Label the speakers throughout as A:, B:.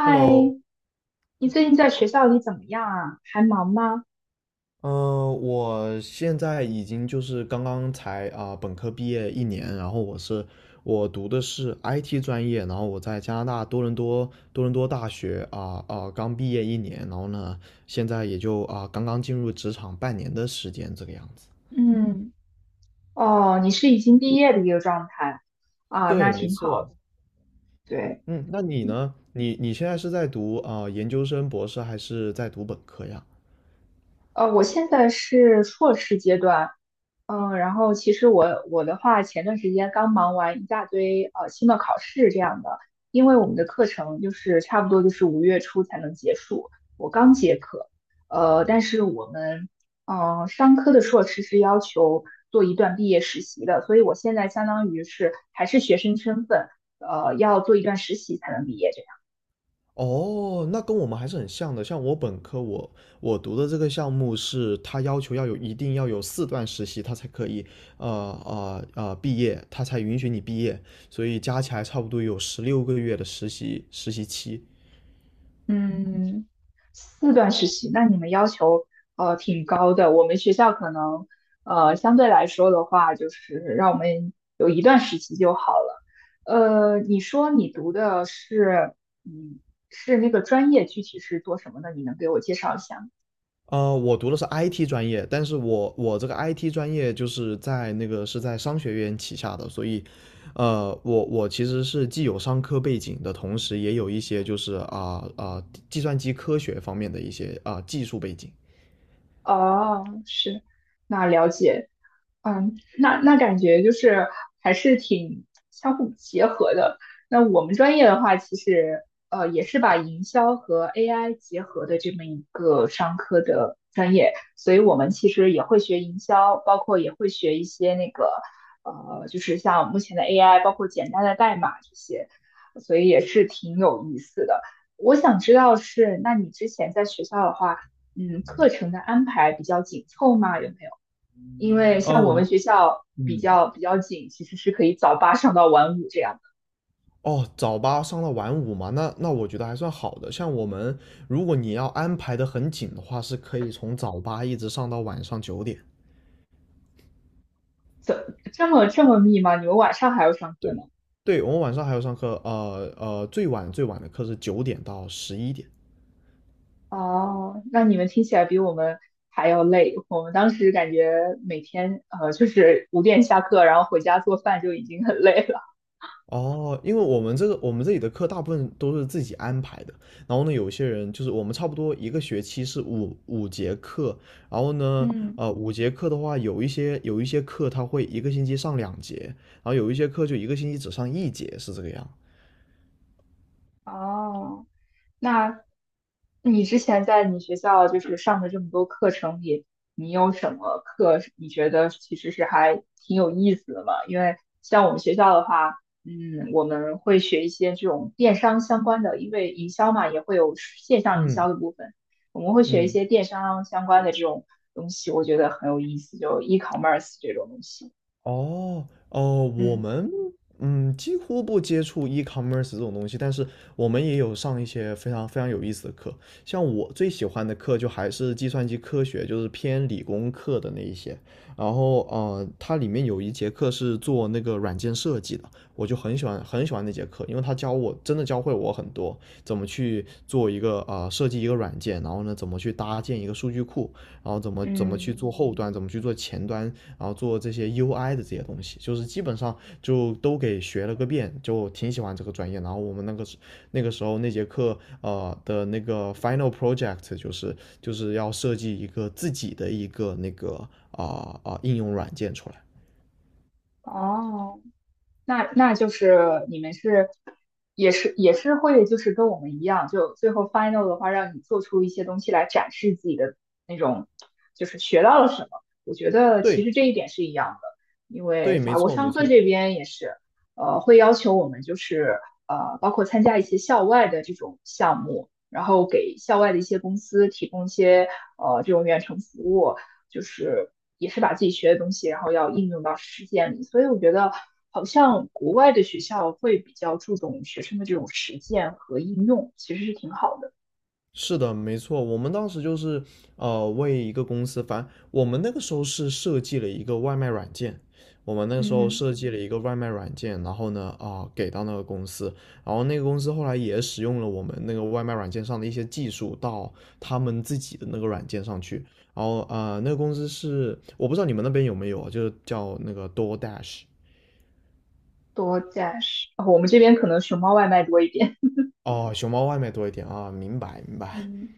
A: Hello。
B: 你最近在学校里怎么样啊？还忙吗？
A: 嗯、我现在已经就是刚刚才本科毕业一年，然后我读的是 IT 专业，然后我在加拿大多伦多大学刚毕业一年，然后呢现在也就刚刚进入职场半年的时间这个样子。
B: 嗯，哦，你是已经毕业的一个状态啊，那
A: 对，没
B: 挺好的。
A: 错。
B: 对，
A: 嗯，那你呢？你现在是在读研究生、博士，还是在读本科呀？
B: 我现在是硕士阶段，嗯，然后其实我的话，前段时间刚忙完一大堆期末考试这样的，因为我们的课程就是差不多就是5月初才能结束，我刚结课，呃，但是我们商科的硕士是要求做一段毕业实习的，所以我现在相当于是还是学生身份，呃，要做一段实习才能毕业这样。
A: 哦，那跟我们还是很像的。像我本科我，我读的这个项目是，他要求要有一定要有四段实习，他才可以，呃毕业，他才允许你毕业。所以加起来差不多有十六个月的实习期。
B: 嗯，四段实习，那你们要求挺高的。我们学校可能相对来说的话，就是让我们有一段实习就好了。呃，你说你读的是嗯是那个专业，具体是做什么的？你能给我介绍一下吗？
A: 呃，我读的是 IT 专业，但是我这个 IT 专业就是在那个是在商学院旗下的，所以，呃，我我其实是既有商科背景的同时，也有一些就是计算机科学方面的一些技术背景。
B: 哦，是，那了解，嗯，那那感觉就是还是挺相互结合的。那我们专业的话，其实也是把营销和 AI 结合的这么一个商科的专业，所以我们其实也会学营销，包括也会学一些那个呃，就是像目前的 AI，包括简单的代码这些，所以也是挺有意思的。我想知道是，那你之前在学校的话。嗯，课程的安排比较紧凑吗？有没有？因为
A: 呃，
B: 像
A: 我
B: 我们
A: 们
B: 学校比
A: 嗯，
B: 较比较紧，其实是可以早8上到晚5这样的。
A: 哦，早八上到晚五嘛，那那我觉得还算好的。像我们，如果你要安排的很紧的话，是可以从早八一直上到晚上九点。
B: 怎这么密吗？你们晚上还要上课
A: 对，
B: 呢？
A: 对，我们晚上还要上课，最晚最晚的课是九点到十一点。
B: 哦，那你们听起来比我们还要累。我们当时感觉每天就是5点下课，然后回家做饭就已经很累了。
A: 哦，因为我们这里的课大部分都是自己安排的，然后呢，有些人就是我们差不多一个学期是五节课，然后呢，
B: 嗯，
A: 五节课的话，有一些课他会一个星期上两节，然后有一些课就一个星期只上一节，是这个样。
B: 哦，那你之前在你学校就是上的这么多课程里，你有什么课是你觉得其实是还挺有意思的嘛？因为像我们学校的话，嗯，我们会学一些这种电商相关的，因为营销嘛，也会有线上营
A: 嗯
B: 销的部分，我们会学一
A: 嗯。
B: 些电商相关的这种东西，我觉得很有意思，就 e-commerce 这种东西。
A: 哦，哦，我
B: 嗯
A: 们嗯几乎不接触 e-commerce 这种东西，但是我们也有上一些非常非常有意思的课。像我最喜欢的课就还是计算机科学，就是偏理工课的那一些。然后呃，它里面有一节课是做那个软件设计的，我就很喜欢那节课，因为他真的教会我很多怎么去做一个设计一个软件，然后呢怎么去搭建一个数据库，然后怎么去
B: 嗯，
A: 做后端，怎么去做前端，然后做这些 UI 的这些东西，就是基本上就都给学了个遍，就挺喜欢这个专业。然后我们那个时候那节课那个 final project 就是要设计一个自己的一个那个应用软件出来。
B: 哦，那那就是你们是也是会就是跟我们一样，就最后 final 的话，让你做出一些东西来展示自己的那种，就是学到了什么。我觉得其
A: 对
B: 实这一点是一样的，因为
A: 对，没
B: 法国
A: 错没
B: 商科
A: 错，
B: 这边也是，呃，会要求我们就是呃，包括参加一些校外的这种项目，然后给校外的一些公司提供一些这种远程服务，就是也是把自己学的东西，然后要应用到实践里。所以我觉得好像国外的学校会比较注重学生的这种实践和应用，其实是挺好的。
A: 是的，没错，我们当时就是呃为一个公司，反正我们那个时候是设计了一个外卖软件，我们那个时候
B: 嗯，
A: 设计了一个外卖软件，然后呢给到那个公司，然后那个公司后来也使用了我们那个外卖软件上的一些技术到他们自己的那个软件上去，然后呃那个公司是我不知道你们那边有没有啊，就是叫那个 DoorDash。
B: 多加是，我们这边可能熊猫外卖多一点。
A: 哦熊猫外卖多一点啊，明白明白，
B: 嗯。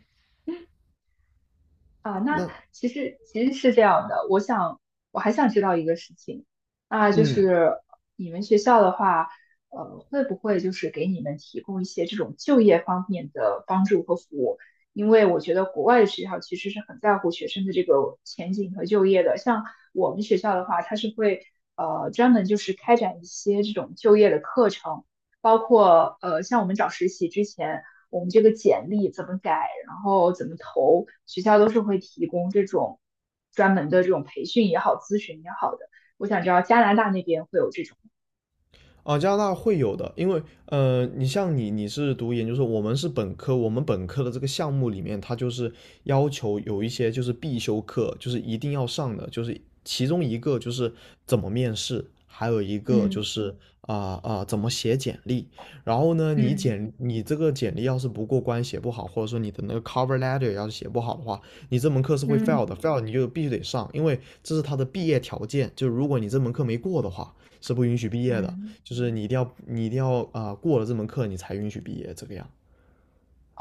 B: 啊，那
A: 那
B: 其实是这样的，我想我还想知道一个事情，那就
A: 嗯
B: 是你们学校的话，呃，会不会就是给你们提供一些这种就业方面的帮助和服务？因为我觉得国外的学校其实是很在乎学生的这个前景和就业的，像我们学校的话，它是会专门就是开展一些这种就业的课程。包括呃，像我们找实习之前，我们这个简历怎么改，然后怎么投，学校都是会提供这种专门的这种培训也好、咨询也好的。我想知道加拿大那边会有这种，
A: 啊，加拿大会有的，因为呃，你像你是读研究生，我们是本科，我们本科的这个项目里面，它就是要求有一些就是必修课，就是一定要上的，就是其中一个就是怎么面试，还有一个就
B: 嗯
A: 是怎么写简历。然后呢，你
B: 嗯
A: 简你这个简历要是不过关，写不好，或者说你的那个 cover letter 要是写不好的话，你这门课是会 fail
B: 嗯
A: 的，fail 你就必须得上，因为这是他的毕业条件，就如果你这门课没过的话，是不允许毕业的。
B: 嗯，
A: 就是你一定要过了这门课你才允许毕业这个样。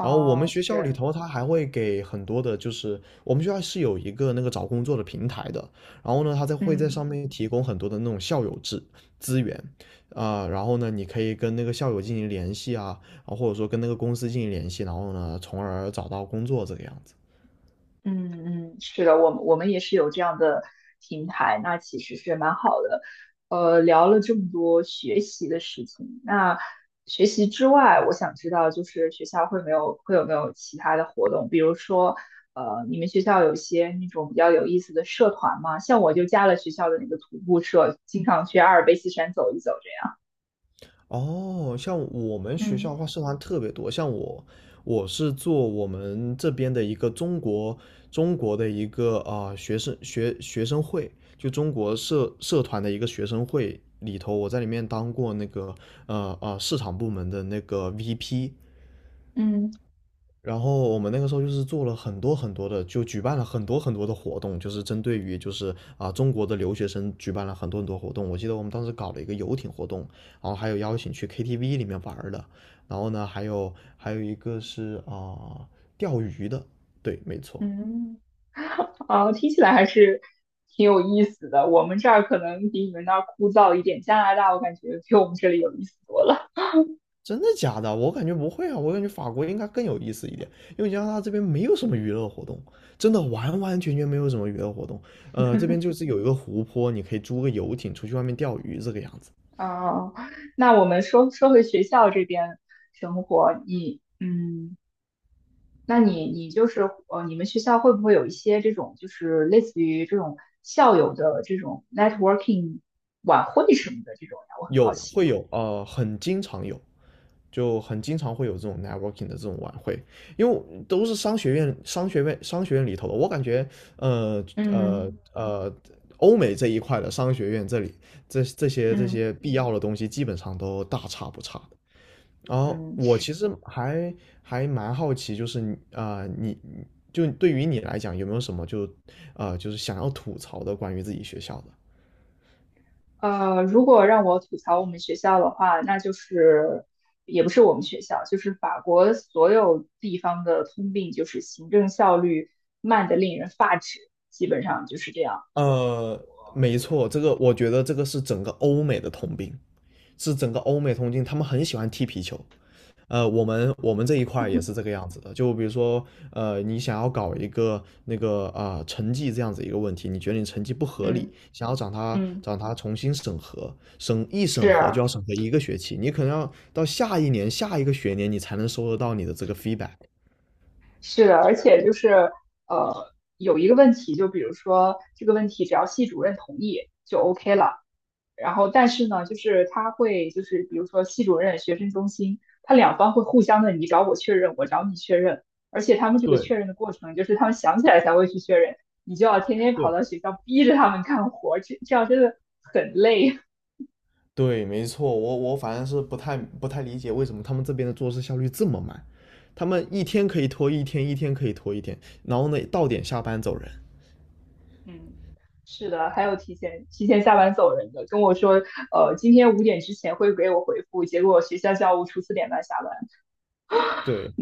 A: 然后我们学校里
B: 是，
A: 头，他还会给很多的，就是我们学校是有一个那个找工作的平台的，然后呢，他会在
B: 嗯。
A: 上面提供很多的那种校友制资源，然后呢，你可以跟那个校友进行联系啊，然后或者说跟那个公司进行联系，然后呢，从而找到工作这个样子。
B: 嗯嗯，是的，我们也是有这样的平台，那其实是蛮好的。呃，聊了这么多学习的事情，那学习之外，我想知道就是学校会没有会有没有其他的活动，比如说，呃，你们学校有一些那种比较有意思的社团吗？像我就加了学校的那个徒步社，经常去阿尔卑斯山走一走
A: 哦，像我们
B: 这样。
A: 学校的
B: 嗯
A: 话，社团特别多。像我，我是做我们这边的一个中国的一个学生学生会，就中国社团的一个学生会里头，我在里面当过那个市场部门的那个 VP。
B: 嗯
A: 然后我们那个时候就是做了很多很多的，就举办了很多很多的活动，就是针对于就是啊中国的留学生举办了很多很多活动。我记得我们当时搞了一个游艇活动，然后还有邀请去 KTV 里面玩的，然后呢还有一个是啊钓鱼的，对，没错。
B: 嗯。啊，听起来还是挺有意思的。我们这儿可能比你们那儿枯燥一点，加拿大我感觉比我们这里有意思多了。
A: 真的假的？我感觉不会啊，我感觉法国应该更有意思一点，因为加拿大这边没有什么娱乐活动，真的完完全全没有什么娱乐活动。呃，这边就是有一个湖泊，你可以租个游艇出去外面钓鱼这个样子。
B: 啊，那我们说回学校这边生活，你嗯，那你就是呃，你们学校会不会有一些这种就是类似于这种校友的这种 networking 晚会什么的这种呀？我很好
A: 有
B: 奇。
A: 会有呃，很经常有，就很经常会有这种 networking 的这种晚会，因为都是商学院里头的。我感觉，呃呃
B: 嗯
A: 呃，欧美这一块的商学院这里，这这些这
B: 嗯，
A: 些必要的东西基本上都大差不差的。然后
B: 嗯
A: 我其实还蛮好奇，就是你就对于你来讲，有没有什么就是想要吐槽的关于自己学校的？
B: 如果让我吐槽我们学校的话，那就是也不是我们学校，就是法国所有地方的通病，就是行政效率慢得令人发指，基本上就是这样。
A: 呃，没错，我觉得这个是整个欧美的通病，是整个欧美通病，他们很喜欢踢皮球。呃，我们这一块也是这个样子的，就比如说，呃，你想要搞一个那个成绩这样子一个问题，你觉得你成绩不合理，
B: 嗯
A: 想要找他
B: 嗯
A: 找他重新审核，审核就要
B: 是
A: 审核一个学期，你可能要到下一年下一个学年你才能收得到你的这个 feedback。
B: 是的，而且就是呃，有一个问题，就比如说这个问题，只要系主任同意就 OK 了。然后但是呢，就是他会就是比如说系主任、学生中心，他两方会互相的你找我确认，我找你确认，而且他们这个
A: 对
B: 确认的过程，就是他们想起来才会去确认，你就要天天跑
A: 对，
B: 到学校逼着他们干活，这样真的很累。
A: 对，没错，我我反正是不太理解为什么他们这边的做事效率这么慢，他们一天可以拖一天，一天可以拖一天，然后呢到点下班走人。
B: 嗯，是的，还有提前下班走人的，跟我说，呃，今天5点之前会给我回复，结果学校教务处4点半下班，
A: 对，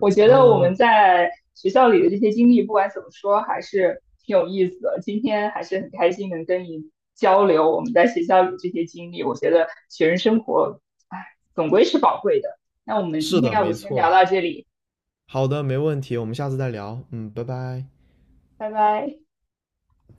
B: 我觉得我们
A: 嗯，
B: 在学校里的这些经历，不管怎么说，还是挺有意思的。今天还是很开心能跟你交流我们在学校里这些经历。我觉得学生生活，哎，总归是宝贵的。那我们今
A: 是
B: 天
A: 的，
B: 要不
A: 没
B: 先聊
A: 错。
B: 到这里，
A: 好的，没问题，我们下次再聊。嗯，拜拜。
B: 拜拜。